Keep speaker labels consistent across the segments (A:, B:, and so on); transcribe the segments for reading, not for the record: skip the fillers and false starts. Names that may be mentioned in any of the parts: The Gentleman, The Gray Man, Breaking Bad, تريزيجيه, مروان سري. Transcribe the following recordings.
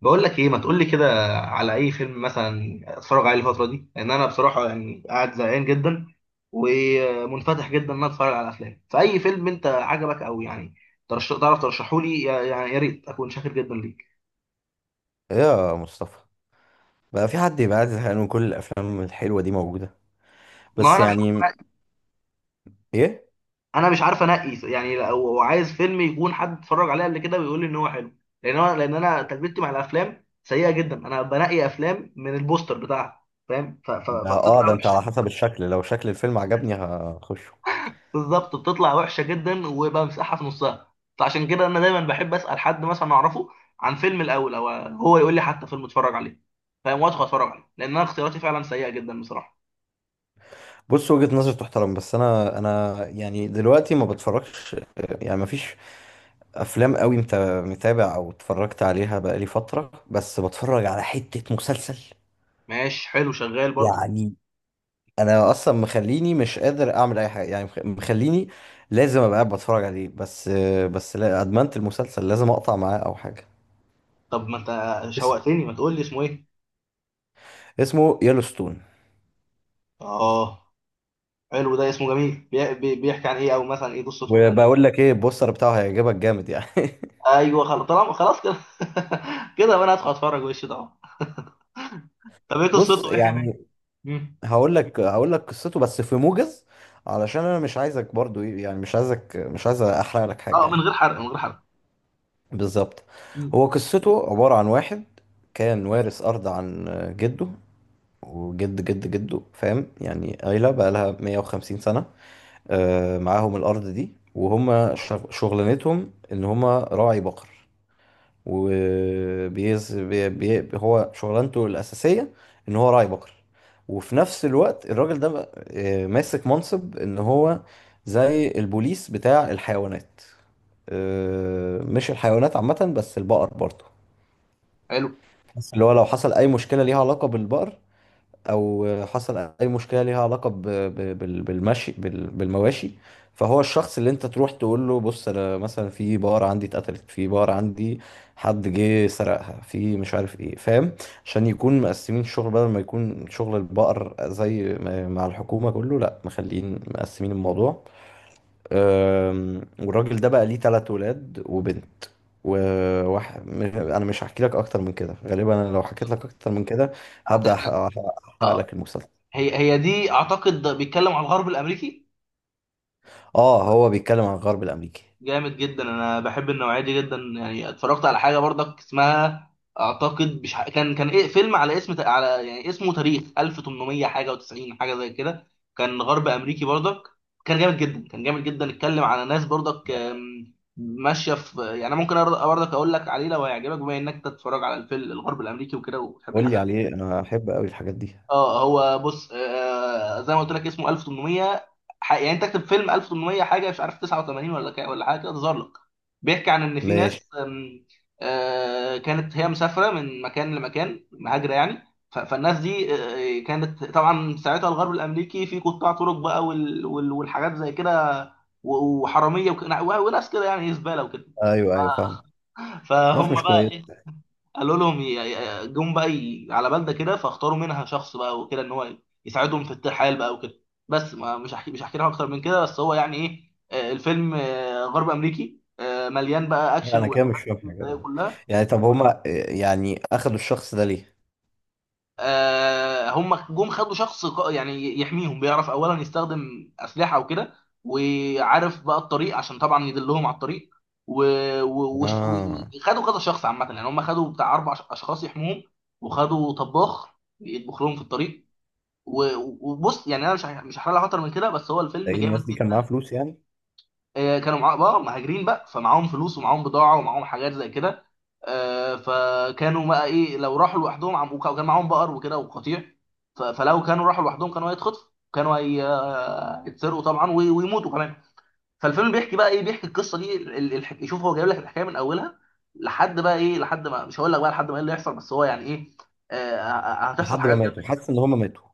A: بقول لك ايه، ما تقول لي كده. على اي فيلم مثلا اتفرج عليه الفتره دي، لان انا بصراحه يعني قاعد زهقان جدا ومنفتح جدا ان انا اتفرج على افلام، فاي فيلم انت عجبك او يعني تعرف ترشحه لي يعني، يا ريت اكون شاكر جدا ليك.
B: يا مصطفى، بقى في حد يبقى قاعد زهقان وكل الافلام الحلوه دي موجوده؟
A: ما
B: بس
A: انا مش
B: يعني ايه.
A: انا مش عارف انقي يعني، لو عايز فيلم يكون حد اتفرج عليه قبل كده ويقول لي ان هو حلو، لان انا تجربتي مع الافلام سيئه جدا. انا بنقي افلام من البوستر بتاعها فاهم،
B: ده اه
A: فبتطلع
B: ده انت على
A: وحشه.
B: حسب الشكل، لو شكل الفيلم عجبني هخشه.
A: بالظبط، بتطلع وحشه جدا وبمسحها في نصها. فعشان كده انا دايما بحب اسال حد مثلا اعرفه عن فيلم الاول، او هو يقول لي حتى فيلم اتفرج عليه فاهم، وادخل اتفرج عليه، لان انا اختياراتي فعلا سيئه جدا بصراحه.
B: بص، وجهة نظر تحترم، بس انا يعني دلوقتي ما بتفرجش. يعني ما فيش افلام قوي انت متابع او اتفرجت عليها بقالي فتره، بس بتفرج على حته مسلسل.
A: ماشي حلو، شغال برضه.
B: يعني انا اصلا مخليني مش قادر اعمل اي حاجه، يعني مخليني لازم ابقى قاعد بتفرج عليه بس. بس لا، ادمنت المسلسل لازم اقطع معاه او حاجه.
A: طب ما انت
B: اسم
A: شوقتني، ما تقول لي اسمه ايه؟
B: اسمه يellowstone.
A: اه حلو، ده اسمه جميل. بيحكي عن ايه، او مثلا ايه قصته؟
B: وبقول لك ايه، البوستر بتاعه هيعجبك جامد يعني.
A: ايوه خلاص، طالما خلاص كده كده بقى انا هدخل اتفرج وش ده. طب ايه
B: بص
A: قصته، بيحكي عن ايه؟
B: يعني،
A: مم.
B: هقول لك قصته بس في موجز، علشان انا مش عايزك برضو ايه يعني، مش عايز احرق لك حاجه
A: اه، من
B: يعني.
A: غير حرق، من غير حرق.
B: بالظبط.
A: مم.
B: هو قصته عباره عن واحد كان وارث ارض عن جده، وجد جد جده، فاهم، يعني عيلة بقى لها 150 سنة. آه، معاهم الأرض دي، وهم شغلانتهم إن هم راعي بقر. وبيز بي بي هو شغلانته الأساسية إن هو راعي بقر، وفي نفس الوقت الراجل ده بقى ماسك منصب إن هو زي البوليس بتاع الحيوانات، مش الحيوانات عامة بس البقر برضه.
A: حلو.
B: اللي هو لو حصل أي مشكلة ليها علاقة بالبقر، او حصل اي مشكله ليها علاقه بالمواشي، فهو الشخص اللي انت تروح تقول له بص انا مثلا في بقره عندي اتقتلت، في بقره عندي حد جه سرقها، في مش عارف ايه، فاهم. عشان يكون مقسمين الشغل، بدل ما يكون شغل البقر زي مع الحكومه كله، لا مخلين مقسمين الموضوع. والراجل ده بقى ليه تلات ولاد وبنت، انا مش هحكي لك اكتر من كده. غالبا انا لو حكيت لك اكتر من كده هبدأ
A: هتحرق،
B: احرق لك
A: اه.
B: المسلسل.
A: هي دي اعتقد بيتكلم على الغرب الامريكي.
B: اه، هو بيتكلم عن الغرب الامريكي.
A: جامد جدا، انا بحب النوعيه دي جدا، يعني اتفرجت على حاجه برضك اسمها، اعتقد، مش كان ايه، فيلم على اسم على يعني اسمه تاريخ 1800 حاجه و90 حاجه زي كده، كان غرب امريكي برضك. كان جامد جدا، اتكلم على ناس برضك، ماشيه في يعني. أنا ممكن برضك اقول لك عليه لو هيعجبك، بما انك تتفرج على الفيلم الغرب الامريكي وكده وبتحب
B: قول لي
A: الحاجات.
B: عليه، انا احب قوي الحاجات دي.
A: اه هو بص. آه زي ما قلت لك اسمه 1800، يعني انت تكتب فيلم 1800 حاجه، مش عارف 89 ولا كا ولا حاجه كده، تظهر لك. بيحكي عن ان في
B: ماشي.
A: ناس، كانت هي مسافره من مكان لمكان، مهاجره يعني. فالناس دي، كانت طبعا ساعتها الغرب الامريكي في قطاع طرق بقى، والحاجات زي كده وحراميه وناس كده يعني، إيه، زباله وكده.
B: ايوه ايوه فاهمك. ناس
A: فهم
B: مش
A: بقى
B: كويس.
A: إيه، قالوا لهم جم بقى على بلده كده، فاختاروا منها شخص بقى وكده ان هو يساعدهم في الترحال بقى وكده. بس ما مش هحكي لهم اكتر من كده، بس هو يعني ايه، الفيلم غرب امريكي، مليان بقى
B: لا،
A: اكشن
B: انا كده مش
A: واحداث
B: فاهم حاجه بقى.
A: كلها.
B: يعني طب هما إيه، يعني اخدوا الشخص ده ليه؟
A: هم جم خدوا شخص يعني يحميهم، بيعرف اولا يستخدم اسلحه وكده، وعارف بقى الطريق عشان طبعا يدلهم على الطريق، و- و- وش- و-
B: اه.
A: وخدوا كذا شخص عامه، يعني هم خدوا بتاع اربع اشخاص يحموهم، وخدوا طباخ يطبخ لهم في الطريق، و- وبص يعني انا مش هحرق لك اكتر من كده، بس هو
B: ده
A: الفيلم
B: إيه الناس
A: جامد
B: دي كان معاها
A: جدا.
B: فلوس يعني؟
A: كانوا معاهم بقى مهاجرين بقى، فمعاهم فلوس ومعاهم بضاعه ومعاهم حاجات زي كده. فكانوا بقى ايه، لو راحوا لوحدهم، عم وكان معاهم بقر وكده وقطيع، فلو كانوا راحوا لوحدهم كانوا هيتخطفوا، كانوا هيتسرقوا طبعا ويموتوا كمان. فالفيلم بيحكي بقى ايه، بيحكي القصه دي، يشوف هو جايب لك الحكايه من اولها لحد بقى ايه، لحد ما، مش هقول لك بقى لحد ما ايه اللي يحصل، بس هو يعني ايه، هتحصل
B: لحد ما
A: حاجات
B: ماتوا؟
A: جامده.
B: حاسس ان هما ماتوا.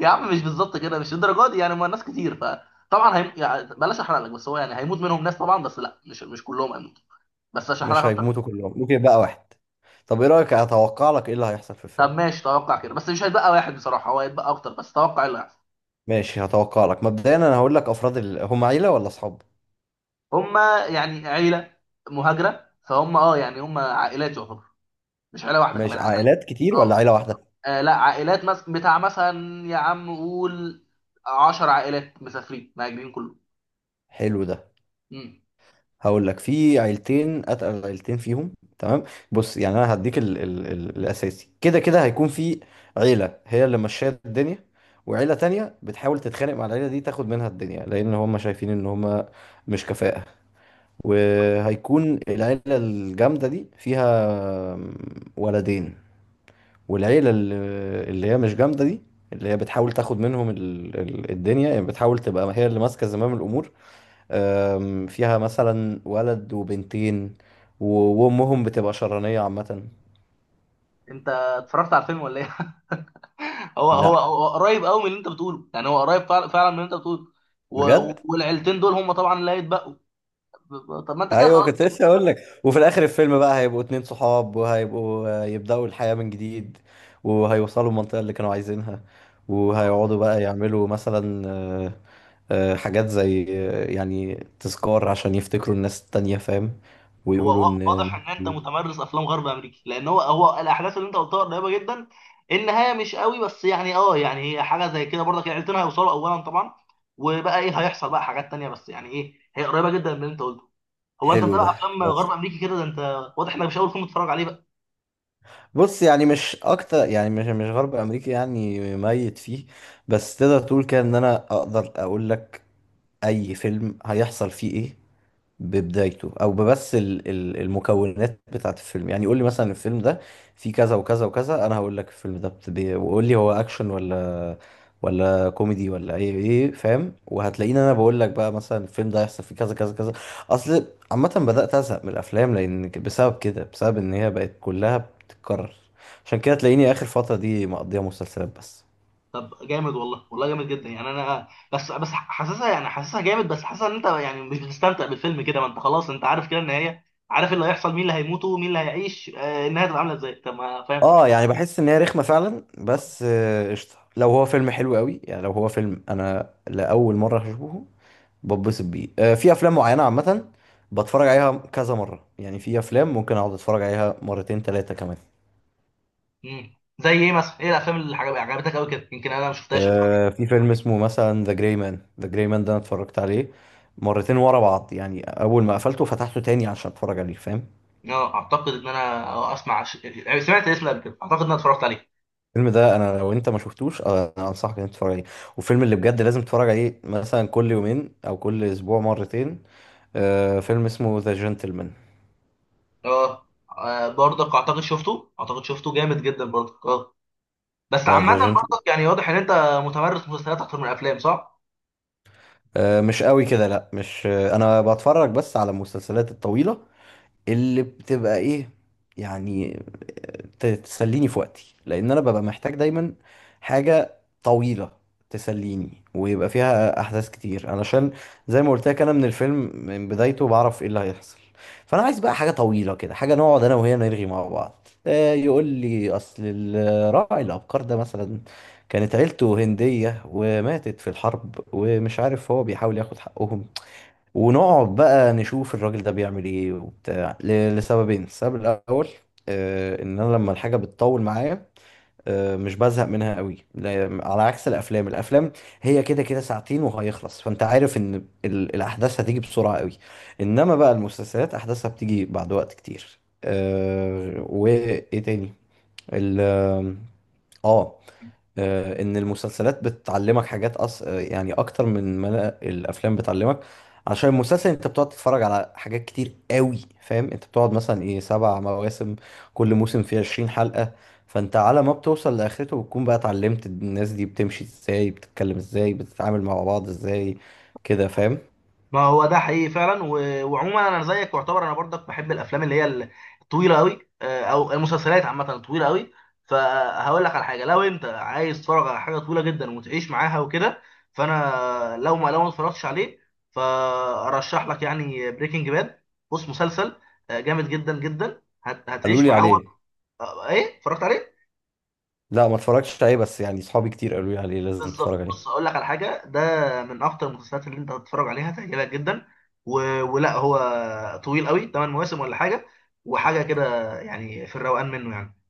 A: يا عم مش بالظبط كده، مش الدرجه دي يعني، ما الناس كتير فطبعا يعني بلاش احرق لك، بس هو يعني هيموت منهم ناس طبعا، بس لا مش كلهم هيموتوا، بس عشان احرق
B: مش
A: لك اكتر.
B: هيموتوا كلهم، ممكن يبقى واحد. طب ايه رأيك، اتوقع لك ايه اللي هيحصل في
A: طب
B: الفيلم.
A: ماشي، توقع كده، بس مش هيتبقى واحد بصراحه، هو هيتبقى اكتر، بس توقع اللي هيحصل.
B: ماشي، هتوقع لك مبدئيا. انا هقول لك، افراد هم عيلة ولا اصحاب؟
A: هما يعني عيله مهاجره، فهم اه يعني هم عائلات يعتبر، مش عيله واحده،
B: ماشي،
A: كمان عائلات.
B: عائلات كتير ولا
A: اه.
B: عيلة واحدة؟
A: لا عائلات، بتاع مثلا، يا عم قول 10 عائلات مسافرين مهاجرين كلهم.
B: حلو ده.
A: مم.
B: هقول لك، في عيلتين اتقل، عيلتين فيهم تمام. بص يعني انا هديك الاساسي، كده كده هيكون في عيلة هي اللي ماشية الدنيا، وعيلة تانية بتحاول تتخانق مع العيلة دي تاخد منها الدنيا، لان هم شايفين ان هم مش كفاءة. وهيكون العيلة الجامدة دي فيها ولدين، والعيلة اللي هي مش جامدة دي، اللي هي بتحاول تاخد منهم الدنيا، يعني بتحاول تبقى هي اللي ماسكة زمام الأمور. فيها مثلا ولد وبنتين، و- وأمهم بتبقى شرانية عامة.
A: انت اتفرجت على الفيلم ولا ايه؟ هو هو
B: لا.
A: هو قريب قوي من اللي انت بتقوله، يعني هو قريب فعلا فعلا من اللي انت بتقوله و-
B: بجد.
A: والعيلتين دول هم طبعا اللي هيتبقوا. طب ما انت كده
B: ايوه،
A: خلاص.
B: كنت لسه اقول لك. وفي الاخر الفيلم بقى، هيبقوا اتنين صحاب وهيبقوا يبداوا الحياه من جديد، وهيوصلوا المنطقه اللي كانوا عايزينها، وهيقعدوا بقى يعملوا مثلا حاجات زي يعني تذكار، عشان يفتكروا الناس التانية، فاهم،
A: هو
B: ويقولوا ان...
A: واضح ان انت متمرس افلام غرب امريكي، لان هو الاحداث اللي انت قلتها قريبه جدا، النهايه مش قوي، بس يعني اه يعني هي حاجه زي كده برضك، العيلتين هيوصلوا اولا طبعا، وبقى ايه هيحصل بقى حاجات تانيه، بس يعني ايه، هي قريبه جدا من اللي انت قلته. هو انت
B: حلو ده،
A: متابع افلام غرب
B: خلاص.
A: امريكي كده، ده انت واضح انك مش اول فيلم تتفرج عليه بقى.
B: بص يعني، مش اكتر، يعني مش غرب امريكي يعني ميت فيه. بس تقدر تقول كده، ان انا اقدر اقول لك اي فيلم هيحصل فيه ايه ببدايته، او ببس المكونات بتاعت الفيلم. يعني يقول لي مثلا الفيلم ده فيه كذا وكذا وكذا، انا هقول لك الفيلم ده وقول لي هو اكشن ولا كوميدي ولا ايه فاهم، وهتلاقيني انا بقول لك بقى مثلا الفيلم ده هيحصل فيه كذا كذا كذا. اصل عامه بدات ازهق من الافلام لان بسبب كده، بسبب ان هي بقت كلها بتتكرر. عشان كده تلاقيني اخر فتره دي مقضيها مسلسلات بس.
A: طب جامد والله، والله جامد جدا يعني، انا بس حاسسها يعني، حاسسها جامد، بس حاسسها ان انت يعني مش بتستمتع بالفيلم كده، ما انت خلاص انت عارف كده النهايه، عارف اللي هيحصل، مين اللي هيموت ومين اللي هيعيش، النهايه هتبقى عامله ازاي، طب ما فاهم.
B: اه، يعني بحس ان هي رخمه فعلا، بس قشطه لو هو فيلم حلو قوي. يعني لو هو فيلم انا لاول مره هشوفه، بتبسط بيه. في افلام معينه عامه بتفرج عليها كذا مره، يعني في افلام ممكن اقعد اتفرج عليها مرتين ثلاثه كمان.
A: مم. زي ايه مثلا، ايه الافلام اللي عجبتك قوي كده، يمكن انا ما شفتهاش اتفرج.
B: في فيلم اسمه مثلا ذا جراي مان. ذا جراي مان ده انا اتفرجت عليه مرتين ورا بعض، يعني اول ما قفلته فتحته تاني عشان اتفرج عليه، فاهم.
A: اه اعتقد ان انا اسمع يعني سمعت الاسم قبل كده، اعتقد ان انا اتفرجت عليه.
B: الفيلم ده انا لو انت ما شفتوش، انا انصحك ان انت تتفرج عليه. والفيلم اللي بجد لازم تتفرج عليه مثلا كل يومين او كل اسبوع مرتين، فيلم اسمه ذا جنتلمان.
A: اه برضك اعتقد شفته، اعتقد شفته جامد جدا برضك اه. بس
B: ذا
A: عامه
B: جنتلمان.
A: برضك يعني واضح ان انت متمرس مسلسلات اكتر من الافلام، صح.
B: مش قوي كده، لا مش انا بتفرج بس على المسلسلات الطويلة اللي بتبقى ايه، يعني تسليني في وقتي، لان انا ببقى محتاج دايما حاجة طويلة تسليني، ويبقى فيها احداث كتير، علشان زي ما قلت لك انا من الفيلم من بدايته بعرف ايه اللي هيحصل. فانا عايز بقى حاجة طويلة كده، حاجة نقعد انا وهي نرغي مع بعض، يقول لي اصل راعي الابقار ده مثلا كانت عيلته هندية وماتت في الحرب ومش عارف هو بيحاول ياخد حقهم، ونقعد بقى نشوف الراجل ده بيعمل ايه وبتاع لسببين. السبب الاول، ان انا لما الحاجه بتطول معايا مش بزهق منها قوي، على عكس الافلام هي كده كده ساعتين وهيخلص، فانت عارف ان الاحداث هتيجي بسرعه قوي، انما بقى المسلسلات احداثها بتيجي بعد وقت كتير. وايه تاني، ال اه آه، ان المسلسلات بتعلمك حاجات أص... آه، يعني اكتر من ما الافلام بتعلمك. عشان المسلسل انت بتقعد تتفرج على حاجات كتير قوي، فاهم، انت بتقعد مثلا ايه سبع مواسم، كل موسم فيه 20 حلقة، فانت على ما بتوصل لاخرته بتكون بقى اتعلمت الناس دي بتمشي ازاي، بتتكلم ازاي، بتتعامل مع بعض ازاي، كده فاهم.
A: ما هو ده حقيقي فعلا، وعموما انا زيك، واعتبر انا برضك بحب الافلام اللي هي الطويله قوي، او المسلسلات عامه الطويله قوي. فهقول لك على حاجه، لو انت عايز تتفرج على حاجه طويله جدا وتعيش معاها وكده، فانا لو ما اتفرجتش عليه، فارشح لك يعني بريكنج باد. بص مسلسل جامد جدا جدا،
B: قالوا
A: هتعيش
B: لي
A: معاه هو.
B: عليه.
A: ايه، اتفرجت عليه؟
B: لا ما اتفرجتش عليه، بس يعني صحابي كتير قالوا لي عليه لازم تتفرج
A: بالظبط، بص
B: عليه.
A: اقول لك على حاجه، ده من اكتر المسلسلات اللي انت هتتفرج عليها، تعجبك جدا، و... ولا هو طويل قوي، 8 مواسم ولا حاجه، وحاجه كده يعني في الروقان منه يعني.